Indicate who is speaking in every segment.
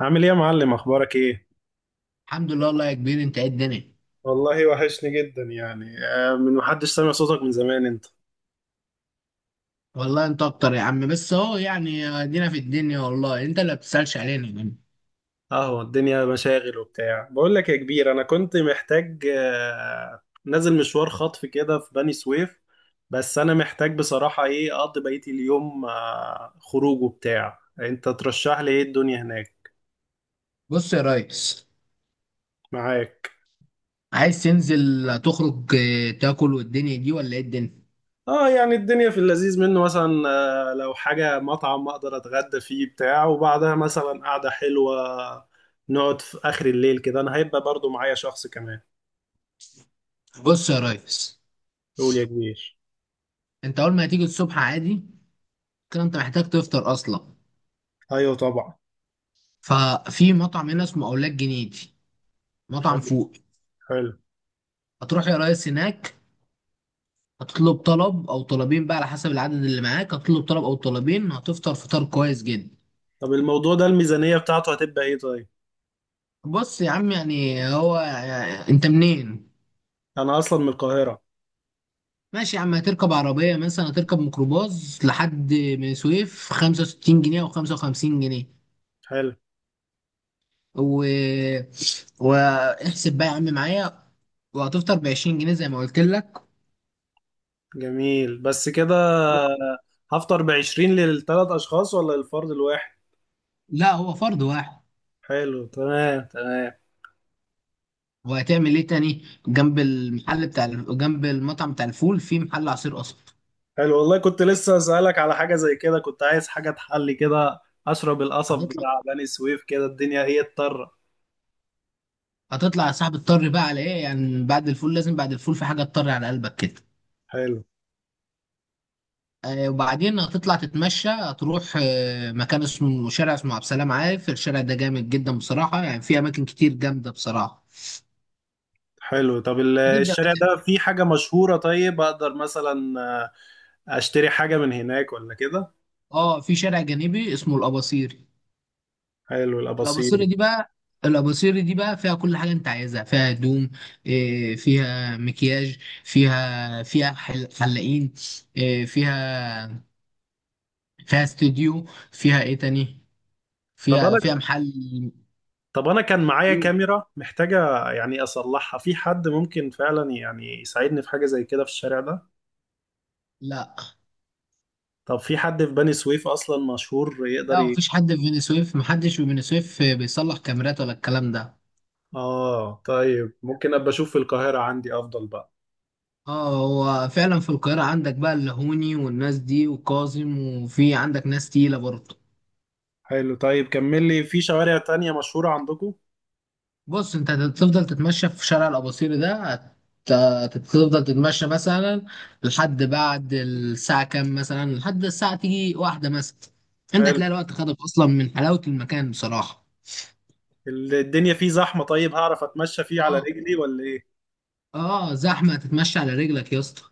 Speaker 1: عامل ايه يا معلم؟ اخبارك ايه؟
Speaker 2: الحمد لله والله يا كبير، انت ايه الدنيا.
Speaker 1: والله وحشني جدا يعني من محدش سامع صوتك من زمان انت.
Speaker 2: والله انت اكتر يا عم، بس اهو يعني ادينا في الدنيا. والله انت اللي بتسألش علينا يا عم.
Speaker 1: اهو الدنيا مشاغل وبتاع. بقول لك يا كبير، انا كنت محتاج، نازل مشوار خطف كده في بني سويف. بس انا محتاج بصراحة ايه؟ اقضي بقية اليوم، خروج وبتاع. انت ترشح لي ايه الدنيا هناك؟
Speaker 2: بص يا ريس،
Speaker 1: معاك.
Speaker 2: عايز تنزل تخرج تاكل والدنيا دي، ولا ايه الدنيا؟
Speaker 1: اه يعني الدنيا في اللذيذ منه مثلا. لو حاجة مطعم اقدر اتغدى فيه بتاع وبعدها مثلا قعدة حلوة. نقعد في اخر الليل كده، انا هيبقى برضو معايا شخص كمان.
Speaker 2: بص يا ريس،
Speaker 1: قول يا كبير.
Speaker 2: انت اول ما هتيجي الصبح عادي كده، انت محتاج تفطر اصلا.
Speaker 1: ايوه طبعا.
Speaker 2: ففي مطعم هنا اسمه اولاد جنيدي، مطعم
Speaker 1: حلو.
Speaker 2: فوق.
Speaker 1: حلو.
Speaker 2: هتروح يا ريس هناك، هتطلب طلب او طلبين بقى على حسب العدد اللي معاك. هتطلب طلب او طلبين، هتفطر فطار كويس جدا.
Speaker 1: طب الموضوع ده الميزانية بتاعته هتبقى ايه طيب؟
Speaker 2: بص يا عم، يعني هو، انت منين؟
Speaker 1: انا اصلا من القاهرة.
Speaker 2: ماشي يا عم، هتركب عربية مثلا، هتركب ميكروباص لحد من سويف 65 جنيه او 55 جنيه.
Speaker 1: حلو.
Speaker 2: و... واحسب بقى يا عم معايا، وهتفطر ب 20 جنيه زي ما قلت لك.
Speaker 1: جميل بس كده. هفطر ب20 للثلاث اشخاص ولا للفرد الواحد؟
Speaker 2: لا هو فرد واحد.
Speaker 1: حلو، تمام تمام.
Speaker 2: وهتعمل ايه تاني؟ جنب المحل بتاع جنب المطعم بتاع الفول، في محل عصير قصب.
Speaker 1: حلو، والله كنت لسه اسالك على حاجه زي كده، كنت عايز حاجه تحلي كده. اشرب القصب
Speaker 2: هتطلع،
Speaker 1: بتاع بني سويف كده، الدنيا ايه؟ اضطر.
Speaker 2: هتطلع يا صاحبي، تضطر بقى على ايه؟ يعني بعد الفول لازم، بعد الفول في حاجة تطر على قلبك كده.
Speaker 1: حلو.
Speaker 2: وبعدين هتطلع تتمشى، هتروح مكان اسمه، شارع اسمه عبد السلام عارف. الشارع ده جامد جدا بصراحة، يعني في أماكن كتير جامدة بصراحة.
Speaker 1: حلو. طب
Speaker 2: هتبدأ،
Speaker 1: الشارع ده فيه حاجه مشهوره؟ طيب اقدر مثلا، اشتري حاجه من هناك ولا كده؟
Speaker 2: اه في شارع جانبي اسمه الأباصيري.
Speaker 1: حلو، الاباصيري.
Speaker 2: الأباصيري دي بقى، الأباصيري دي بقى فيها كل حاجة أنت عايزها. فيها هدوم، فيها مكياج، فيها حلاقين، آه، فيها فيها استوديو، فيها إيه تاني،
Speaker 1: طب
Speaker 2: فيها
Speaker 1: انا
Speaker 2: محل.
Speaker 1: طب انا كان معايا كاميرا محتاجه يعني اصلحها، في حد ممكن فعلا يعني يساعدني في حاجه زي كده في الشارع ده؟
Speaker 2: لا
Speaker 1: طب في حد في بني سويف اصلا مشهور يقدر
Speaker 2: لا، مفيش حد في بني سويف، محدش في بني سويف بيصلح كاميرات ولا الكلام ده.
Speaker 1: اه طيب ممكن ابقى اشوف في القاهره، عندي افضل بقى.
Speaker 2: اه، هو فعلا في القاهرة عندك بقى اللهوني والناس دي وكاظم، وفي عندك ناس تقيلة برضه.
Speaker 1: حلو، طيب كمل لي في شوارع تانية مشهورة عندكم.
Speaker 2: بص، انت هتفضل تتمشى في شارع الأباصيري ده، هتفضل تتمشى مثلا لحد بعد الساعة كام، مثلا لحد الساعة تيجي واحدة مثلا. انت
Speaker 1: حلو.
Speaker 2: هتلاقي الوقت خدك أصلا من حلاوة المكان بصراحة.
Speaker 1: الدنيا فيه زحمة؟ طيب هعرف اتمشى فيه على
Speaker 2: اه،
Speaker 1: رجلي ولا ايه؟
Speaker 2: اه، زحمة تتمشى على رجلك يا اسطى.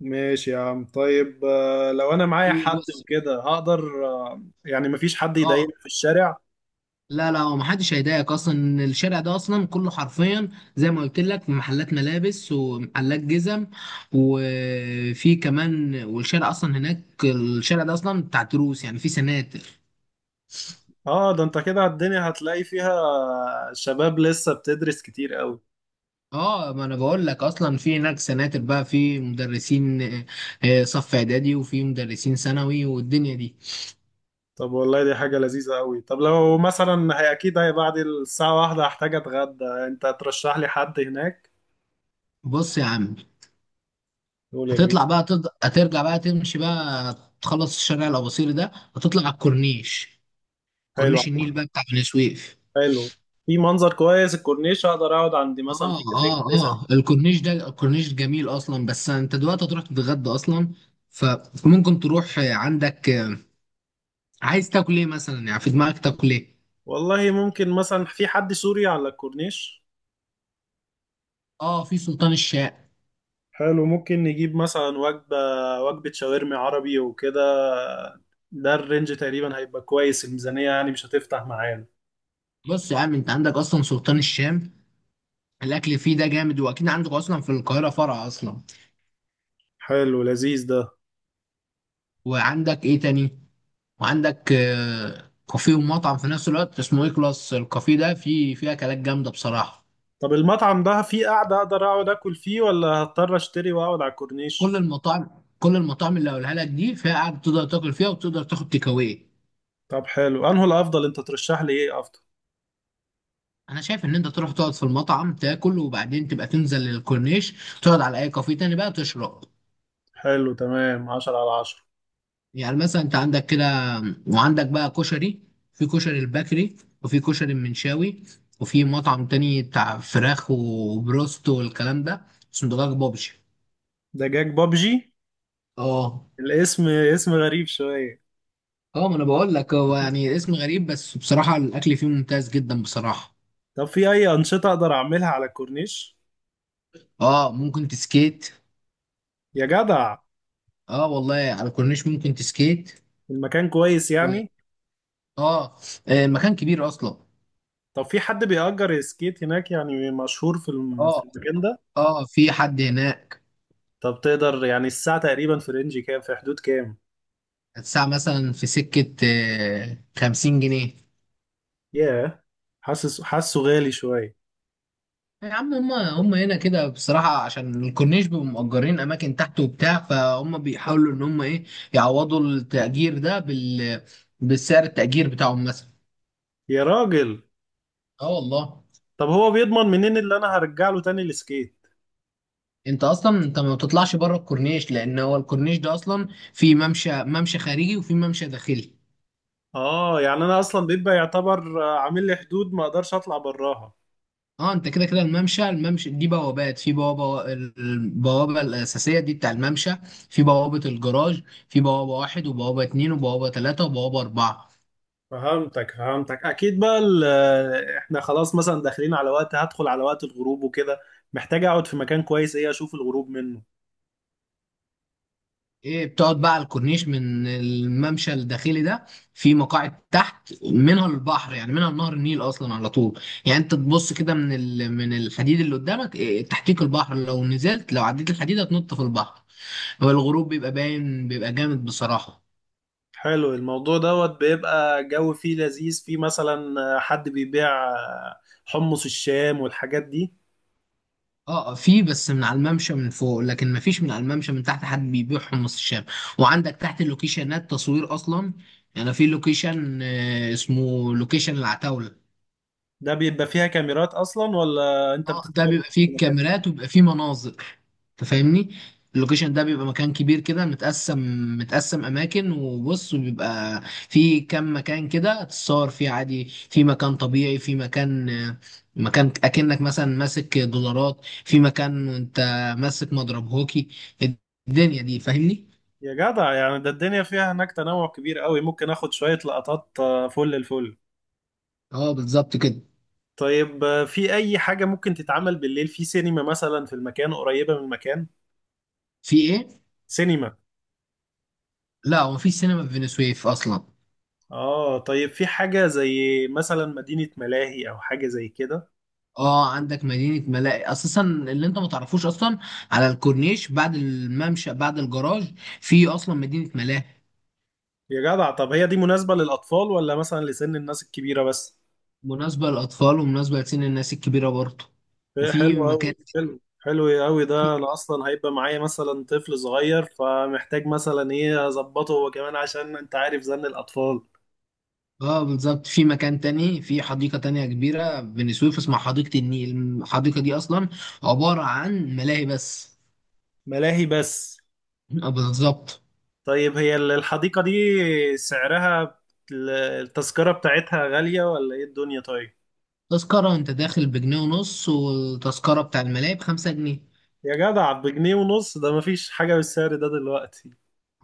Speaker 1: ماشي يا عم. طيب لو انا معايا حد
Speaker 2: وبص،
Speaker 1: وكده هقدر، يعني مفيش حد
Speaker 2: اه،
Speaker 1: يضايقني في الشارع؟
Speaker 2: لا لا، هو محدش هيضايقك اصلا. الشارع ده اصلا كله حرفيا زي ما قلت لك محلات ملابس ومحلات جزم، وفي كمان، والشارع اصلا هناك، الشارع ده اصلا بتاع دروس، يعني في سناتر.
Speaker 1: اه، ده انت كده الدنيا هتلاقي فيها شباب لسه بتدرس كتير قوي.
Speaker 2: اه، ما انا بقول لك اصلا، في هناك سناتر بقى، في مدرسين صف اعدادي، وفي مدرسين ثانوي والدنيا دي.
Speaker 1: طب والله دي حاجة لذيذة قوي. طب لو مثلا هي اكيد هي بعد الساعة واحدة هحتاج اتغدى، انت ترشح لي حد هناك؟
Speaker 2: بص يا عم،
Speaker 1: قول يا كبير.
Speaker 2: هتطلع بقى هترجع بقى تمشي بقى، تخلص الشارع الأباصيري ده، هتطلع على الكورنيش،
Speaker 1: حلو.
Speaker 2: كورنيش النيل بقى بتاع بني سويف.
Speaker 1: حلو. في منظر كويس الكورنيش، اقدر اقعد عند مثلا
Speaker 2: اه
Speaker 1: في كافيه
Speaker 2: اه
Speaker 1: كويس أوي؟
Speaker 2: اه، الكورنيش ده، الكورنيش جميل اصلا. بس انت دلوقتي هتروح تتغدى اصلا. فممكن تروح عندك، عايز تاكل ايه مثلا؟ يعني في دماغك تاكل ايه؟
Speaker 1: والله ممكن مثلا في حد سوري على الكورنيش.
Speaker 2: اه، في سلطان الشام.
Speaker 1: حلو، ممكن نجيب مثلا وجبة، شاورما عربي وكده. ده الرينج تقريبا هيبقى كويس، الميزانية يعني مش هتفتح معانا.
Speaker 2: بص يا عم، انت عندك اصلا سلطان الشام، الاكل فيه ده جامد، واكيد عندك اصلا في القاهره فرع اصلا.
Speaker 1: حلو، لذيذ ده.
Speaker 2: وعندك ايه تاني؟ وعندك كافيه ومطعم في نفس الوقت اسمه ايه كلاس. الكافيه ده فيه اكلات جامده بصراحه.
Speaker 1: طب المطعم ده فيه قعدة اقدر اقعد اكل فيه، ولا هضطر اشتري واقعد على
Speaker 2: كل
Speaker 1: الكورنيش؟
Speaker 2: المطاعم، كل المطاعم اللي هقولها لك دي فيها قاعد تقدر تاكل فيها، وتقدر تاخد تيك أواي.
Speaker 1: طب حلو، انه الافضل انت ترشح لي ايه افضل؟
Speaker 2: انا شايف ان انت تروح تقعد في المطعم تاكل، وبعدين تبقى تنزل للكورنيش، تقعد على اي كافيه تاني بقى تشرب.
Speaker 1: حلو، تمام، عشرة على عشرة.
Speaker 2: يعني مثلا انت عندك كده، وعندك بقى كشري، في كشري البكري، وفي كشري المنشاوي، وفي مطعم تاني بتاع فراخ وبروست والكلام ده، اسمه دجاج بابجي.
Speaker 1: دجاج بابجي؟
Speaker 2: اه،
Speaker 1: الاسم اسم غريب شوية.
Speaker 2: اه، ما انا بقول لك، هو يعني اسم غريب، بس بصراحة الاكل فيه ممتاز جدا بصراحة.
Speaker 1: طب في اي انشطه اقدر اعملها على الكورنيش؟
Speaker 2: اه ممكن تسكيت.
Speaker 1: يا جدع.
Speaker 2: اه والله، على الكورنيش ممكن تسكيت.
Speaker 1: المكان كويس يعني؟
Speaker 2: اه، مكان كبير اصلا.
Speaker 1: طب في حد بيأجر سكيت هناك يعني مشهور في في
Speaker 2: اه،
Speaker 1: المكان ده؟
Speaker 2: اه في حد هناك.
Speaker 1: طب تقدر يعني الساعه تقريبا في رينج كام؟ في حدود كام؟
Speaker 2: الساعة مثلا في سكة 50 جنيه.
Speaker 1: ياه، حاسه غالي شويه.
Speaker 2: يا عم، هما هنا كده بصراحة، عشان الكورنيش بيبقوا مأجرين أماكن تحت وبتاع، فهم بيحاولوا إن هما إيه، يعوضوا التأجير ده بالسعر التأجير بتاعهم مثلا.
Speaker 1: يا راجل.
Speaker 2: اه والله.
Speaker 1: طب هو بيضمن منين اللي انا هرجع له تاني السكيت؟
Speaker 2: انت اصلا، انت ما بتطلعش بره الكورنيش، لان هو الكورنيش ده اصلا في ممشى، ممشى خارجي، وفي ممشى داخلي.
Speaker 1: اه يعني انا اصلا بيبقى يعتبر عامل لي حدود ما اقدرش اطلع براها؟
Speaker 2: اه انت كده كده الممشى، دي بوابات، في بوابه، البوابه الاساسيه دي بتاع الممشى، في بوابه الجراج، في بوابه واحد وبوابه اتنين وبوابه تلاته وبوابه اربعه.
Speaker 1: فهمتك اكيد بقى احنا خلاص مثلا داخلين على وقت، هدخل على وقت الغروب وكده، محتاج اقعد في مكان كويس ايه اشوف الغروب منه.
Speaker 2: ايه، بتقعد بقى على الكورنيش من الممشى الداخلي ده، في مقاعد تحت منها البحر، يعني منها نهر النيل اصلا على طول. يعني انت تبص كده من من الحديد اللي قدامك، ايه تحتيك البحر، لو نزلت، لو عديت الحديد هتنط في البحر. هو الغروب بيبقى باين، بيبقى جامد بصراحه.
Speaker 1: حلو، الموضوع دوت بيبقى جو فيه لذيذ، فيه مثلا حد بيبيع حمص الشام والحاجات دي؟
Speaker 2: اه، في بس من على الممشى من فوق، لكن ما فيش من على الممشى من تحت حد بيبيع حمص الشام. وعندك تحت اللوكيشنات تصوير اصلا، يعني في لوكيشن اسمه لوكيشن العتاولة.
Speaker 1: ده بيبقى فيها كاميرات اصلا ولا انت
Speaker 2: اه، ده
Speaker 1: بتتصور
Speaker 2: بيبقى
Speaker 1: في
Speaker 2: فيه
Speaker 1: المكان؟
Speaker 2: كاميرات، وبيبقى فيه مناظر. انت فاهمني، اللوكيشن ده بيبقى مكان كبير كده متقسم، متقسم اماكن وبص، وبيبقى فيه كام مكان كده تتصور فيه عادي. في مكان طبيعي، في مكان، مكان اكنك مثلا ماسك دولارات، في مكان وانت ماسك مضرب هوكي. الدنيا دي، فاهمني.
Speaker 1: يا جدع، يعني ده الدنيا فيها هناك تنوع كبير قوي، ممكن اخد شوية لقطات فل الفل.
Speaker 2: اه بالظبط كده.
Speaker 1: طيب في اي حاجة ممكن تتعمل بالليل؟ في سينما مثلا في المكان قريبة من المكان؟
Speaker 2: في ايه؟
Speaker 1: سينما.
Speaker 2: لا هو مفيش سينما في فينيسويف اصلا.
Speaker 1: اه طيب في حاجة زي مثلا مدينة ملاهي او حاجة زي كده؟
Speaker 2: اه، عندك مدينة ملاهي اساسا، اللي انت ما تعرفوش اصلا، على الكورنيش بعد الممشى بعد الجراج، في اصلا مدينة ملاهي.
Speaker 1: يا جدع. طب هي دي مناسبة للأطفال ولا مثلا لسن الناس الكبيرة بس؟
Speaker 2: مناسبة للاطفال، ومناسبة لسن الناس الكبيرة برضه.
Speaker 1: إيه،
Speaker 2: وفي
Speaker 1: حلو أوي،
Speaker 2: مكان،
Speaker 1: حلو، حلو أوي. ده
Speaker 2: في،
Speaker 1: أنا أصلا هيبقى معايا مثلا طفل صغير، فمحتاج مثلا إيه أظبطه هو كمان، عشان أنت عارف زن الأطفال.
Speaker 2: اه بالظبط، في مكان تاني، في حديقة تانية كبيرة بني سويف اسمها حديقة النيل. الحديقة دي اصلا عبارة عن ملاهي بس.
Speaker 1: ملاهي بس؟
Speaker 2: بالظبط.
Speaker 1: طيب هي الحديقة دي سعرها، التذكرة بتاعتها غالية ولا إيه الدنيا طيب؟
Speaker 2: تذكرة انت داخل ب1 جنيه ونص، والتذكرة بتاع الملاهي ب5 جنيه.
Speaker 1: يا جدع، بجنيه ونص، ده مفيش حاجة بالسعر ده دلوقتي.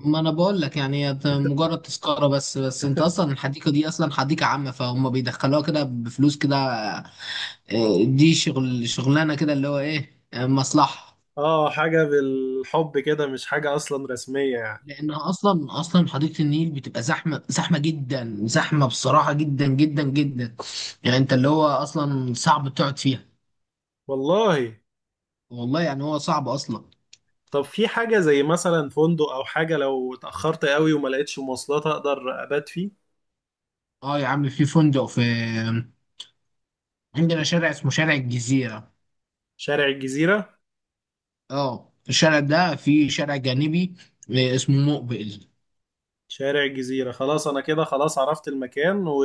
Speaker 2: ما انا بقول لك، يعني هي مجرد تذكره بس، بس انت اصلا الحديقه دي اصلا حديقه عامه، فهم بيدخلوها كده بفلوس كده. دي شغل، شغلانه كده اللي هو ايه، مصلحه.
Speaker 1: اه، حاجة بالحب كده، مش حاجة أصلا رسمية يعني.
Speaker 2: لانها اصلا، اصلا حديقه النيل بتبقى زحمه، زحمه جدا، زحمه بصراحه جدا جدا جدا. يعني انت اللي هو اصلا صعب تقعد فيها.
Speaker 1: والله.
Speaker 2: والله يعني هو صعب اصلا.
Speaker 1: طب في حاجة زي مثلا فندق أو حاجة، لو اتأخرت قوي وما لقيتش مواصلات أقدر أبات فيه؟
Speaker 2: اه يا عم، في فندق في، عندنا شارع اسمه شارع الجزيره.
Speaker 1: شارع الجزيرة.
Speaker 2: اه الشارع ده في شارع جانبي اسمه مقبل.
Speaker 1: شارع الجزيرة، خلاص أنا كده خلاص عرفت المكان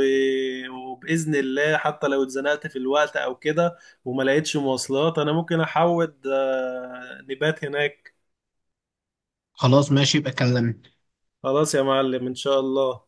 Speaker 1: وبإذن الله حتى لو اتزنقت في الوقت أو كده وما لقيتش مواصلات أنا ممكن أحود، نبات هناك.
Speaker 2: خلاص ماشي، يبقى كلمني.
Speaker 1: خلاص يا معلم، إن شاء الله.